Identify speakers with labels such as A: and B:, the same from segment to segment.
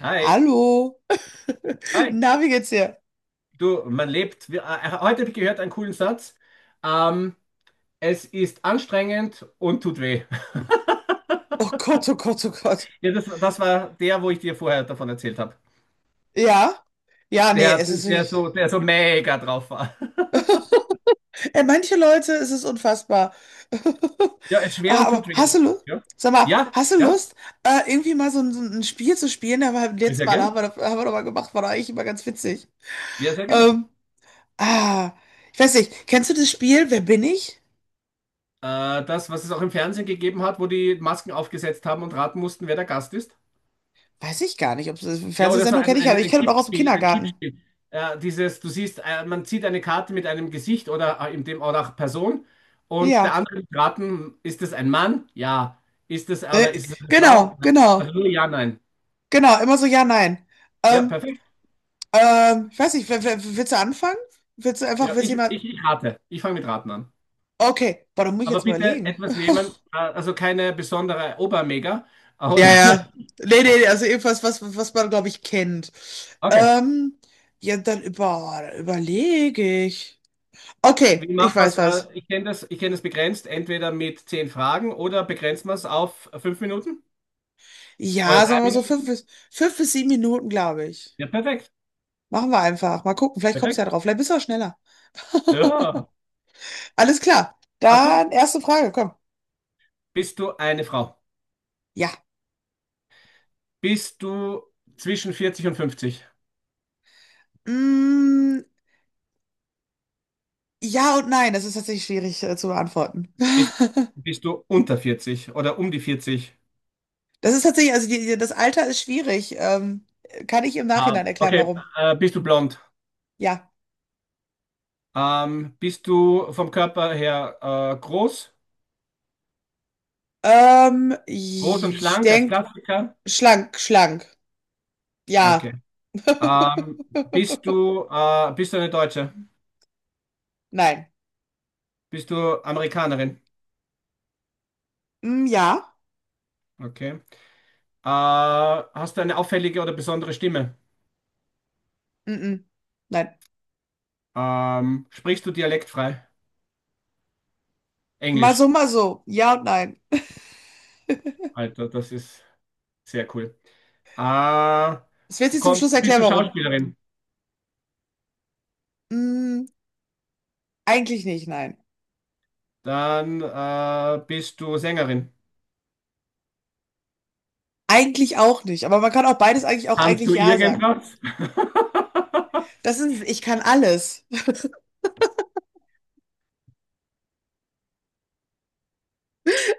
A: Hi,
B: Hallo,
A: hi.
B: na, wie geht's dir?
A: Du, man lebt. Heute habe ich gehört einen coolen Satz. Ähm, Es ist anstrengend und tut weh.
B: Oh Gott, oh Gott, oh Gott.
A: Ja, das war der, wo ich dir vorher davon erzählt habe.
B: Ja? Ja, nee, es ist wirklich.
A: Der so mega drauf war.
B: Ey, manche Leute, es ist unfassbar.
A: Ja, es ist schwer
B: Ah,
A: und
B: aber
A: tut
B: hast
A: weh.
B: du Lust?
A: Ja,
B: Sag mal,
A: ja,
B: hast du
A: ja.
B: Lust, irgendwie mal so ein Spiel zu spielen? Aber beim
A: Ja,
B: letzten
A: sehr
B: Mal
A: gern.
B: haben wir doch mal gemacht, war doch eigentlich immer ganz witzig.
A: Ja, sehr gern.
B: Ähm, ah, ich weiß nicht, kennst du das Spiel Wer bin ich?
A: Das, was es auch im Fernsehen gegeben hat, wo die Masken aufgesetzt haben und raten mussten, wer der Gast ist.
B: Weiß ich gar nicht, ob es
A: Ja, oder so
B: Fernsehsendung kenne ich ja, aber ich
A: ein
B: kenne es auch aus dem
A: Kippspiel, ein
B: Kindergarten.
A: Kippspiel. Dieses, du siehst, man zieht eine Karte mit einem Gesicht oder in dem oder auch Person, und der
B: Ja.
A: andere wird raten, ist es ein Mann? Ja. Ist es oder
B: Ne?
A: ist es eine Frau?
B: Genau,
A: Nein. Also
B: genau.
A: nur ja, nein.
B: Genau, immer so ja, nein.
A: Ja,
B: Ähm,
A: perfekt.
B: ich weiß nicht, willst du anfangen? Willst du einfach,
A: Ja,
B: willst du jemand.
A: ich rate. Ich fange mit Raten an.
B: Okay, boah, da muss ich
A: Aber
B: jetzt
A: bitte
B: überlegen.
A: etwas nehmen, also keine besondere Obermega.
B: Ja,
A: Oder
B: ja. Nee, nee, nee, also irgendwas, was man, glaube ich, kennt.
A: okay.
B: Ähm, ja, dann überlege ich. Okay,
A: Wie
B: ich
A: macht man es?
B: weiß was.
A: Ich kenne das, ich kenne das begrenzt, entweder mit zehn Fragen oder begrenzt man es auf fünf Minuten oder
B: Ja,
A: drei
B: sagen wir mal so
A: Minuten.
B: 5 bis 7 Minuten, glaube ich.
A: Ja, perfekt.
B: Machen wir einfach. Mal gucken, vielleicht kommst du
A: Perfekt.
B: ja drauf. Vielleicht bist du auch schneller.
A: Ja.
B: Alles klar.
A: Ach du?
B: Dann erste Frage, komm.
A: Bist du eine Frau?
B: Ja.
A: Bist du zwischen 40 und 50?
B: Mm, ja und nein, das ist tatsächlich schwierig, zu beantworten.
A: Bist, Bist du unter 40 oder um die 40?
B: Das ist tatsächlich, also das Alter ist schwierig. Kann ich im
A: Ah,
B: Nachhinein erklären,
A: okay.
B: warum?
A: Bist du blond?
B: Ja.
A: Bist du vom Körper her groß?
B: Ähm,
A: Groß und
B: ich
A: schlank als
B: denke,
A: Klassiker?
B: schlank, schlank.
A: Okay.
B: Ja.
A: Ähm, bist du eine Deutsche?
B: Nein.
A: Bist du Amerikanerin?
B: Mm, ja.
A: Okay. Hast du eine auffällige oder besondere Stimme?
B: Mm-mm. Nein.
A: Sprichst du dialektfrei?
B: Mal
A: Englisch.
B: so, mal so. Ja und nein.
A: Alter, das ist. Sehr cool. Äh,
B: Es wird sich zum Schluss
A: Bist
B: erklären,
A: du
B: warum.
A: Schauspielerin?
B: Mm, eigentlich nicht, nein.
A: Dann bist du Sängerin.
B: Eigentlich auch nicht. Aber man kann auch beides eigentlich auch
A: Kannst
B: eigentlich
A: du
B: ja sagen.
A: irgendwas?
B: Das ist, ich kann alles.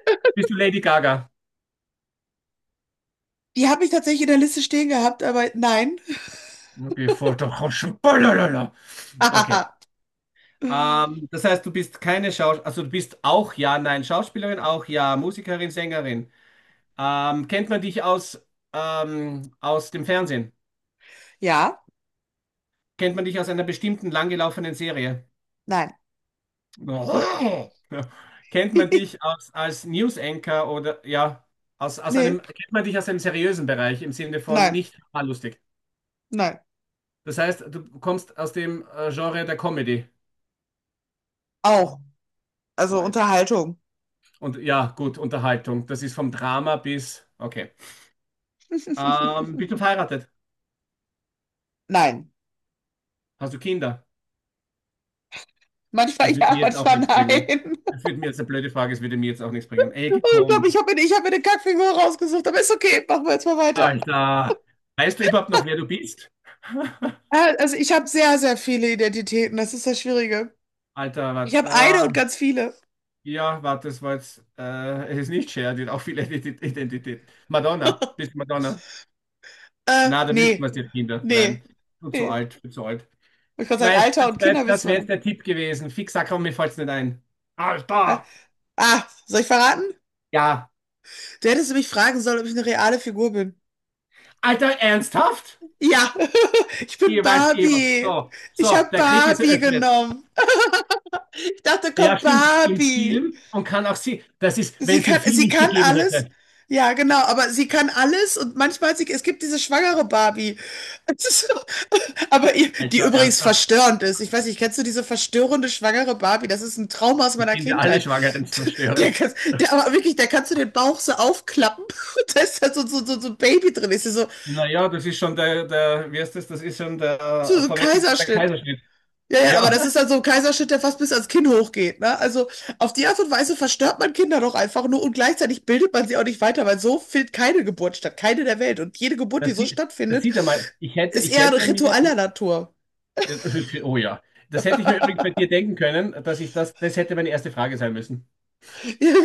A: Bist du Lady Gaga?
B: Die habe ich tatsächlich in der Liste stehen gehabt, aber nein.
A: Okay, voll doch. Balalala. Okay. Das heißt, du bist keine Schauspielerin, also du bist auch ja, nein, Schauspielerin, auch ja, Musikerin, Sängerin. Kennt man dich aus, aus dem Fernsehen?
B: Ja,
A: Kennt man dich aus einer bestimmten langgelaufenen Serie?
B: nein.
A: Oh. Ja. Kennt man dich als, als News Anchor oder ja, aus einem,
B: Nee,
A: kennt man dich aus einem seriösen Bereich im Sinne von
B: nein,
A: nicht mal lustig.
B: nein.
A: Das heißt, du kommst aus dem Genre der Comedy.
B: Auch. Also
A: Oh, ja.
B: Unterhaltung.
A: Und ja, gut, Unterhaltung. Das ist vom Drama bis, okay. Bist du verheiratet?
B: Nein.
A: Hast du Kinder?
B: Manchmal
A: Das wird
B: ja,
A: mir jetzt auch
B: manchmal
A: nichts bringen.
B: nein.
A: Das wird mir jetzt eine blöde Frage, das würde mir jetzt auch nichts bringen. Ey,
B: Ich glaube,
A: komm,
B: ich hab mir eine Kackfigur rausgesucht, aber ist okay, machen wir jetzt mal weiter.
A: Alter. Weißt du überhaupt noch, wer du bist?
B: Also ich habe sehr, sehr viele Identitäten, das ist das Schwierige.
A: Alter,
B: Ich habe eine und
A: was?
B: ganz viele.
A: Ja, warte, das war jetzt, es ist nicht Cher, die hat auch viele Identitäten. Madonna, bist du Madonna?
B: Äh,
A: Na, da wüssten wir
B: nee,
A: es ja, Kinder. Nein,
B: nee,
A: du zu
B: nee.
A: alt, du zu alt.
B: Ich kann sagen,
A: Mei,
B: Alter und Kinder
A: das
B: wissen
A: wär
B: wir
A: jetzt
B: nicht.
A: der Tipp gewesen. Fix, sag, komm, mir fällt's nicht ein.
B: Äh,
A: Alter!
B: soll ich verraten?
A: Ja.
B: Du hättest mich fragen sollen, ob ich eine reale Figur bin.
A: Alter, ernsthaft?
B: Ja, ich bin
A: Ihr weißt eh was.
B: Barbie.
A: So,
B: Ich
A: so,
B: habe
A: der Krieg ist
B: Barbie
A: eröffnet.
B: genommen. Ich dachte,
A: Ja,
B: komm,
A: stimmt, im
B: Barbie.
A: Film und kann auch sie, das ist, wenn
B: Sie
A: es den
B: kann,
A: Film
B: sie
A: nicht
B: kann
A: gegeben
B: alles.
A: hätte.
B: Ja, genau, aber sie kann alles und manchmal, es gibt diese schwangere Barbie. Es ist so- Aber die
A: Alter,
B: übrigens
A: ernsthaft.
B: verstörend ist. Ich weiß nicht, kennst du diese verstörende schwangere Barbie? Das ist ein Trauma aus
A: Ich
B: meiner
A: bin ja alle
B: Kindheit.
A: Schwangeren
B: Der,
A: zerstörend.
B: kann- der, aber wirklich, da kannst du den Bauch so aufklappen und da ist da so ein Baby drin. Ist ja so,
A: Naja, das ist schon wie heißt das? Das ist schon der
B: so so ein
A: vorweggenommene
B: Kaiserschnitt.
A: Kaiserschnitt.
B: Ja, ja, aber
A: Ja,
B: das ist dann so ein Kaiserschnitt, der fast bis ans Kinn hochgeht, ne? Also auf die Art und Weise verstört man Kinder doch einfach nur und gleichzeitig bildet man sie auch nicht weiter, weil so findet keine Geburt statt, keine der Welt. Und jede Geburt, die
A: das
B: so
A: sieht, das
B: stattfindet,
A: sieht er mal.
B: ist
A: Ich
B: eher
A: hätte mir,
B: ritualer Natur.
A: oh ja, das hätte ich mir übrigens bei dir denken können, dass ich das, das hätte meine erste Frage sein müssen.
B: Ja,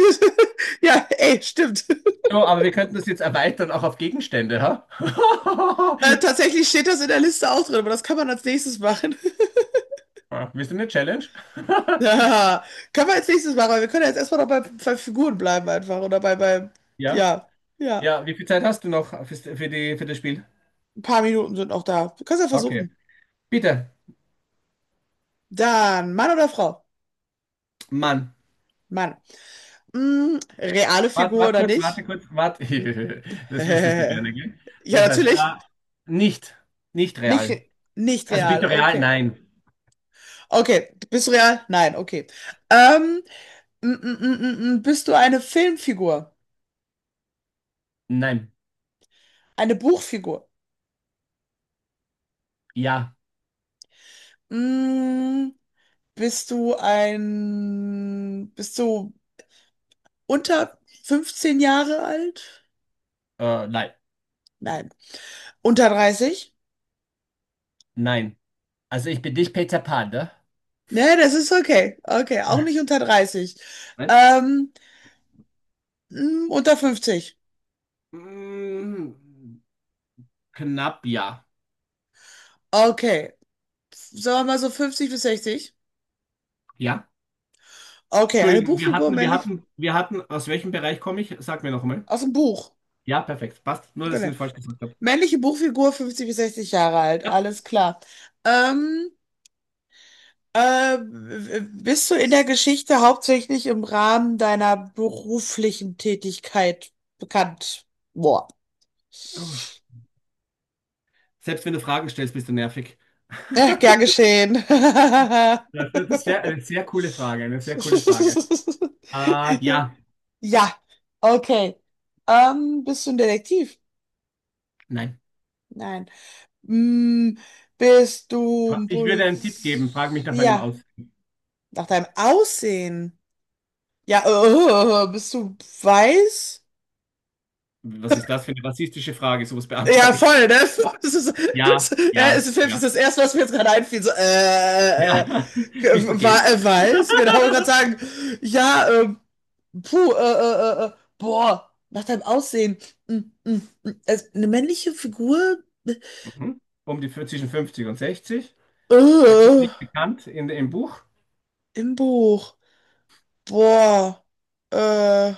B: Ja, ey, stimmt.
A: So, aber wir könnten das jetzt erweitern auch auf Gegenstände, ha?
B: Tatsächlich steht das in der Liste auch drin, aber das kann man als nächstes machen.
A: Ah, willst du eine Challenge?
B: Ja, kann man als nächstes machen, weil wir können ja jetzt erstmal noch bei Figuren bleiben einfach oder
A: Ja,
B: ja, ja,
A: ja, wie viel Zeit hast du noch für das Spiel?
B: ein paar Minuten sind noch da. Du kannst ja
A: Okay,
B: versuchen.
A: bitte,
B: Dann Mann oder Frau?
A: Mann.
B: Mann. Reale Figur oder nicht?
A: Warte. Das wüsstest du gerne, gell?
B: Ja,
A: Jetzt weiß ich.
B: natürlich.
A: Ah, nicht, nicht
B: Nicht,
A: real.
B: re- nicht
A: Also bist
B: real,
A: du real?
B: okay.
A: Nein.
B: Okay, bist du real? Nein, okay. Ähm, bist du eine Filmfigur?
A: Nein.
B: Eine Buchfigur?
A: Ja.
B: Mm, Bist du unter 15 Jahre alt?
A: Nein.
B: Nein. Unter 30?
A: Nein. Also ich bin nicht Peter Pan, ne?
B: Ne, das ist okay. Okay, auch nicht unter 30.
A: Nein?
B: Ähm, unter 50?
A: Mm, knapp ja.
B: Okay. Sagen wir mal so 50 bis 60.
A: Ja?
B: Okay, eine
A: Entschuldigung,
B: Buchfigur männlich
A: wir hatten, aus welchem Bereich komme ich? Sag mir noch mal.
B: aus dem Buch.
A: Ja, perfekt. Passt. Nur, dass ich
B: Genau.
A: nicht falsch gesagt habe.
B: Männliche Buchfigur 50 bis 60 Jahre alt,
A: Ja.
B: alles klar. Ähm, bist du in der Geschichte hauptsächlich im Rahmen deiner beruflichen Tätigkeit bekannt? Boah.
A: Selbst wenn du Fragen stellst, bist du nervig.
B: Ja, gern geschehen.
A: Das ist sehr, eine sehr coole Frage, eine sehr coole Frage. Ah, ja.
B: Ja, okay. Bist du ein Detektiv?
A: Nein.
B: Nein. Hm, bist du ein
A: Ich würde einen Tipp geben, frag mich
B: Poliz...
A: nach meinem
B: Ja,
A: Aus.
B: nach deinem Aussehen. Ja, bist du weiß?
A: Was ist das für eine rassistische Frage? Sowas
B: Ja,
A: beantworte ich.
B: voll, ne? Das ist, das,
A: Ja,
B: ja,
A: ja,
B: das ist
A: ja.
B: das Erste, was mir jetzt gerade einfiel. So,
A: Ja. Bist du gay?
B: weiß? Genau, ich wollte gerade sagen. Ja, puh, boah, nach deinem Aussehen. Hm, hm, hm. Also, eine männliche Figur?
A: Mhm. Um die zwischen 50 und 60.
B: Äh,
A: Beruflich bekannt in, im Buch.
B: im Buch. Boah, äh.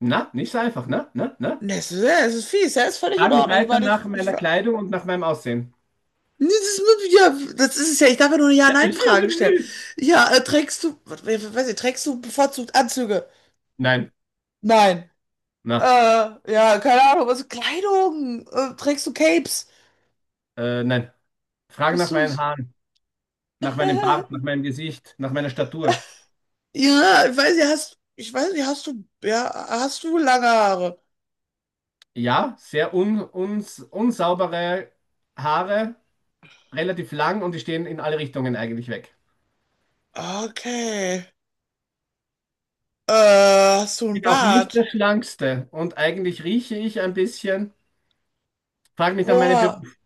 A: Na, nicht so einfach, ne? Ne? Ne?
B: Ne, Es ist, ja, es ist fies, ja, ist völlig in
A: Frag mich
B: Ordnung. Ich
A: weiter
B: meine,
A: nach nach
B: ich
A: meiner
B: war.
A: Kleidung und nach meinem Aussehen.
B: Nee, ja, das ist es ja. Ich darf ja nur eine
A: Ja.
B: Ja-Nein-Frage stellen. Ja, weiß ich, trägst du bevorzugt Anzüge?
A: Nein.
B: Nein. Äh,
A: Na,
B: ja, keine Ahnung, Kleidung? Trägst du Capes?
A: nein. Frage
B: Bist
A: nach
B: du,
A: meinen Haaren, nach meinem Bart, nach meinem Gesicht, nach meiner Statur.
B: ja, ich weiß nicht, hast du lange Haare?
A: Ja, sehr unsaubere Haare, relativ lang und die stehen in alle Richtungen eigentlich weg.
B: Okay. Äh, hast du einen
A: Bin auch nicht der
B: Bart?
A: Schlankste und eigentlich rieche ich ein bisschen. Frag mich nach meinem
B: Boah,
A: Beruf.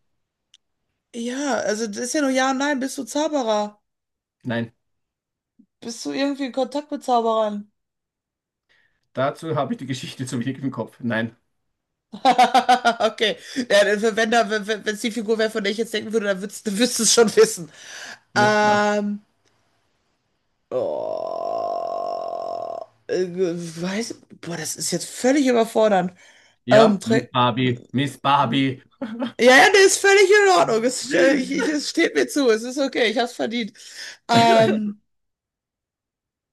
B: ja, also das ist ja nur Ja und Nein, bist du Zauberer?
A: Nein,
B: Bist du irgendwie in Kontakt mit Zauberern?
A: dazu habe ich die Geschichte zu wenig im Kopf. Nein.
B: Okay. Ja, dann, wenn da, wenn wenn es die Figur wäre, von der ich jetzt denken würde, dann würdest du es schon wissen.
A: Ja, na.
B: Ähm. Oh, äh, weiß, boah, das ist jetzt völlig überfordernd. Ähm,
A: Ja, Miss
B: trä-
A: Barbie, Miss Barbie.
B: ja, ja, der ist völlig in Ordnung. Es, äh, ich, ich, es steht mir zu. Es ist okay. Ich hab's verdient. Ähm,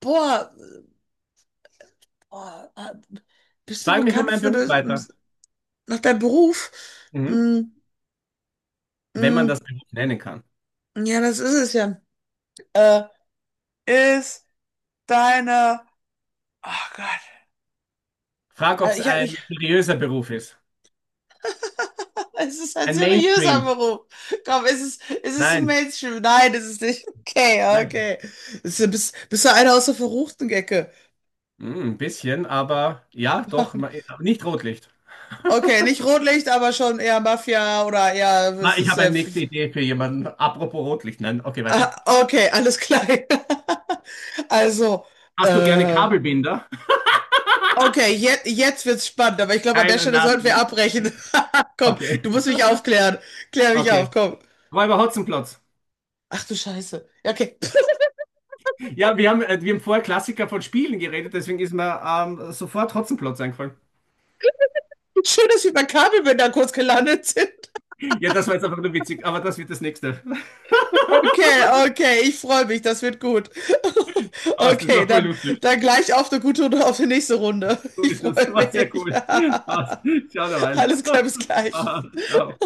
B: boah, boah, bist du
A: Frag mich nach
B: bekannt
A: meinem
B: für
A: Beruf
B: das,
A: weiter.
B: nach deinem Beruf?
A: Mhm.
B: Mm,
A: Wenn man
B: mm.
A: das Beruf nennen kann.
B: Ja, das ist es ja. Äh, ist deine. Oh Gott.
A: Frag, ob
B: Also
A: es
B: ich habe mich.
A: ein seriöser Beruf ist.
B: Es ist ein
A: Ein
B: seriöser
A: Mainstream.
B: Beruf. Komm, ist es ein
A: Nein.
B: Mainstream? Nein, ist es nicht. Okay,
A: Nein.
B: okay. Bist du einer aus der verruchten Ecke?
A: Hm, ein bisschen, aber ja, doch,
B: Mann.
A: nicht Rotlicht.
B: Okay, nicht Rotlicht, aber schon eher Mafia oder eher.
A: Na,
B: Es
A: ich
B: ist.
A: habe eine nächste Idee für jemanden. Apropos Rotlicht. Nein, okay, weiter.
B: Ah, okay, alles klar. Also,
A: Hast du gerne
B: äh,
A: Kabelbinder?
B: Okay, jetzt wird's spannend, aber ich glaube, an
A: Nein,
B: der Stelle sollten wir
A: nein.
B: abbrechen. Komm,
A: Okay,
B: du musst mich aufklären. Klär mich auf,
A: okay.
B: komm.
A: Räuber Hotzenplotz.
B: Ach du Scheiße. Ja, okay.
A: Ja, wir haben vorher Klassiker von Spielen geredet, deswegen ist mir sofort Hotzenplotz eingefallen.
B: Schön, dass wir bei Kabelbinder kurz gelandet sind.
A: Ja, das war jetzt einfach nur witzig, aber das wird das nächste.
B: Okay, okay, ich freue mich, das wird gut.
A: Passt, das
B: Okay,
A: war voll
B: dann,
A: lustig.
B: dann gleich auf eine gute und auf die nächste Runde.
A: So
B: Ich
A: ist das.
B: freue
A: War sehr
B: mich.
A: cool. Passt. Ciao derweil.
B: Alles klar, bis gleich.
A: Ciao.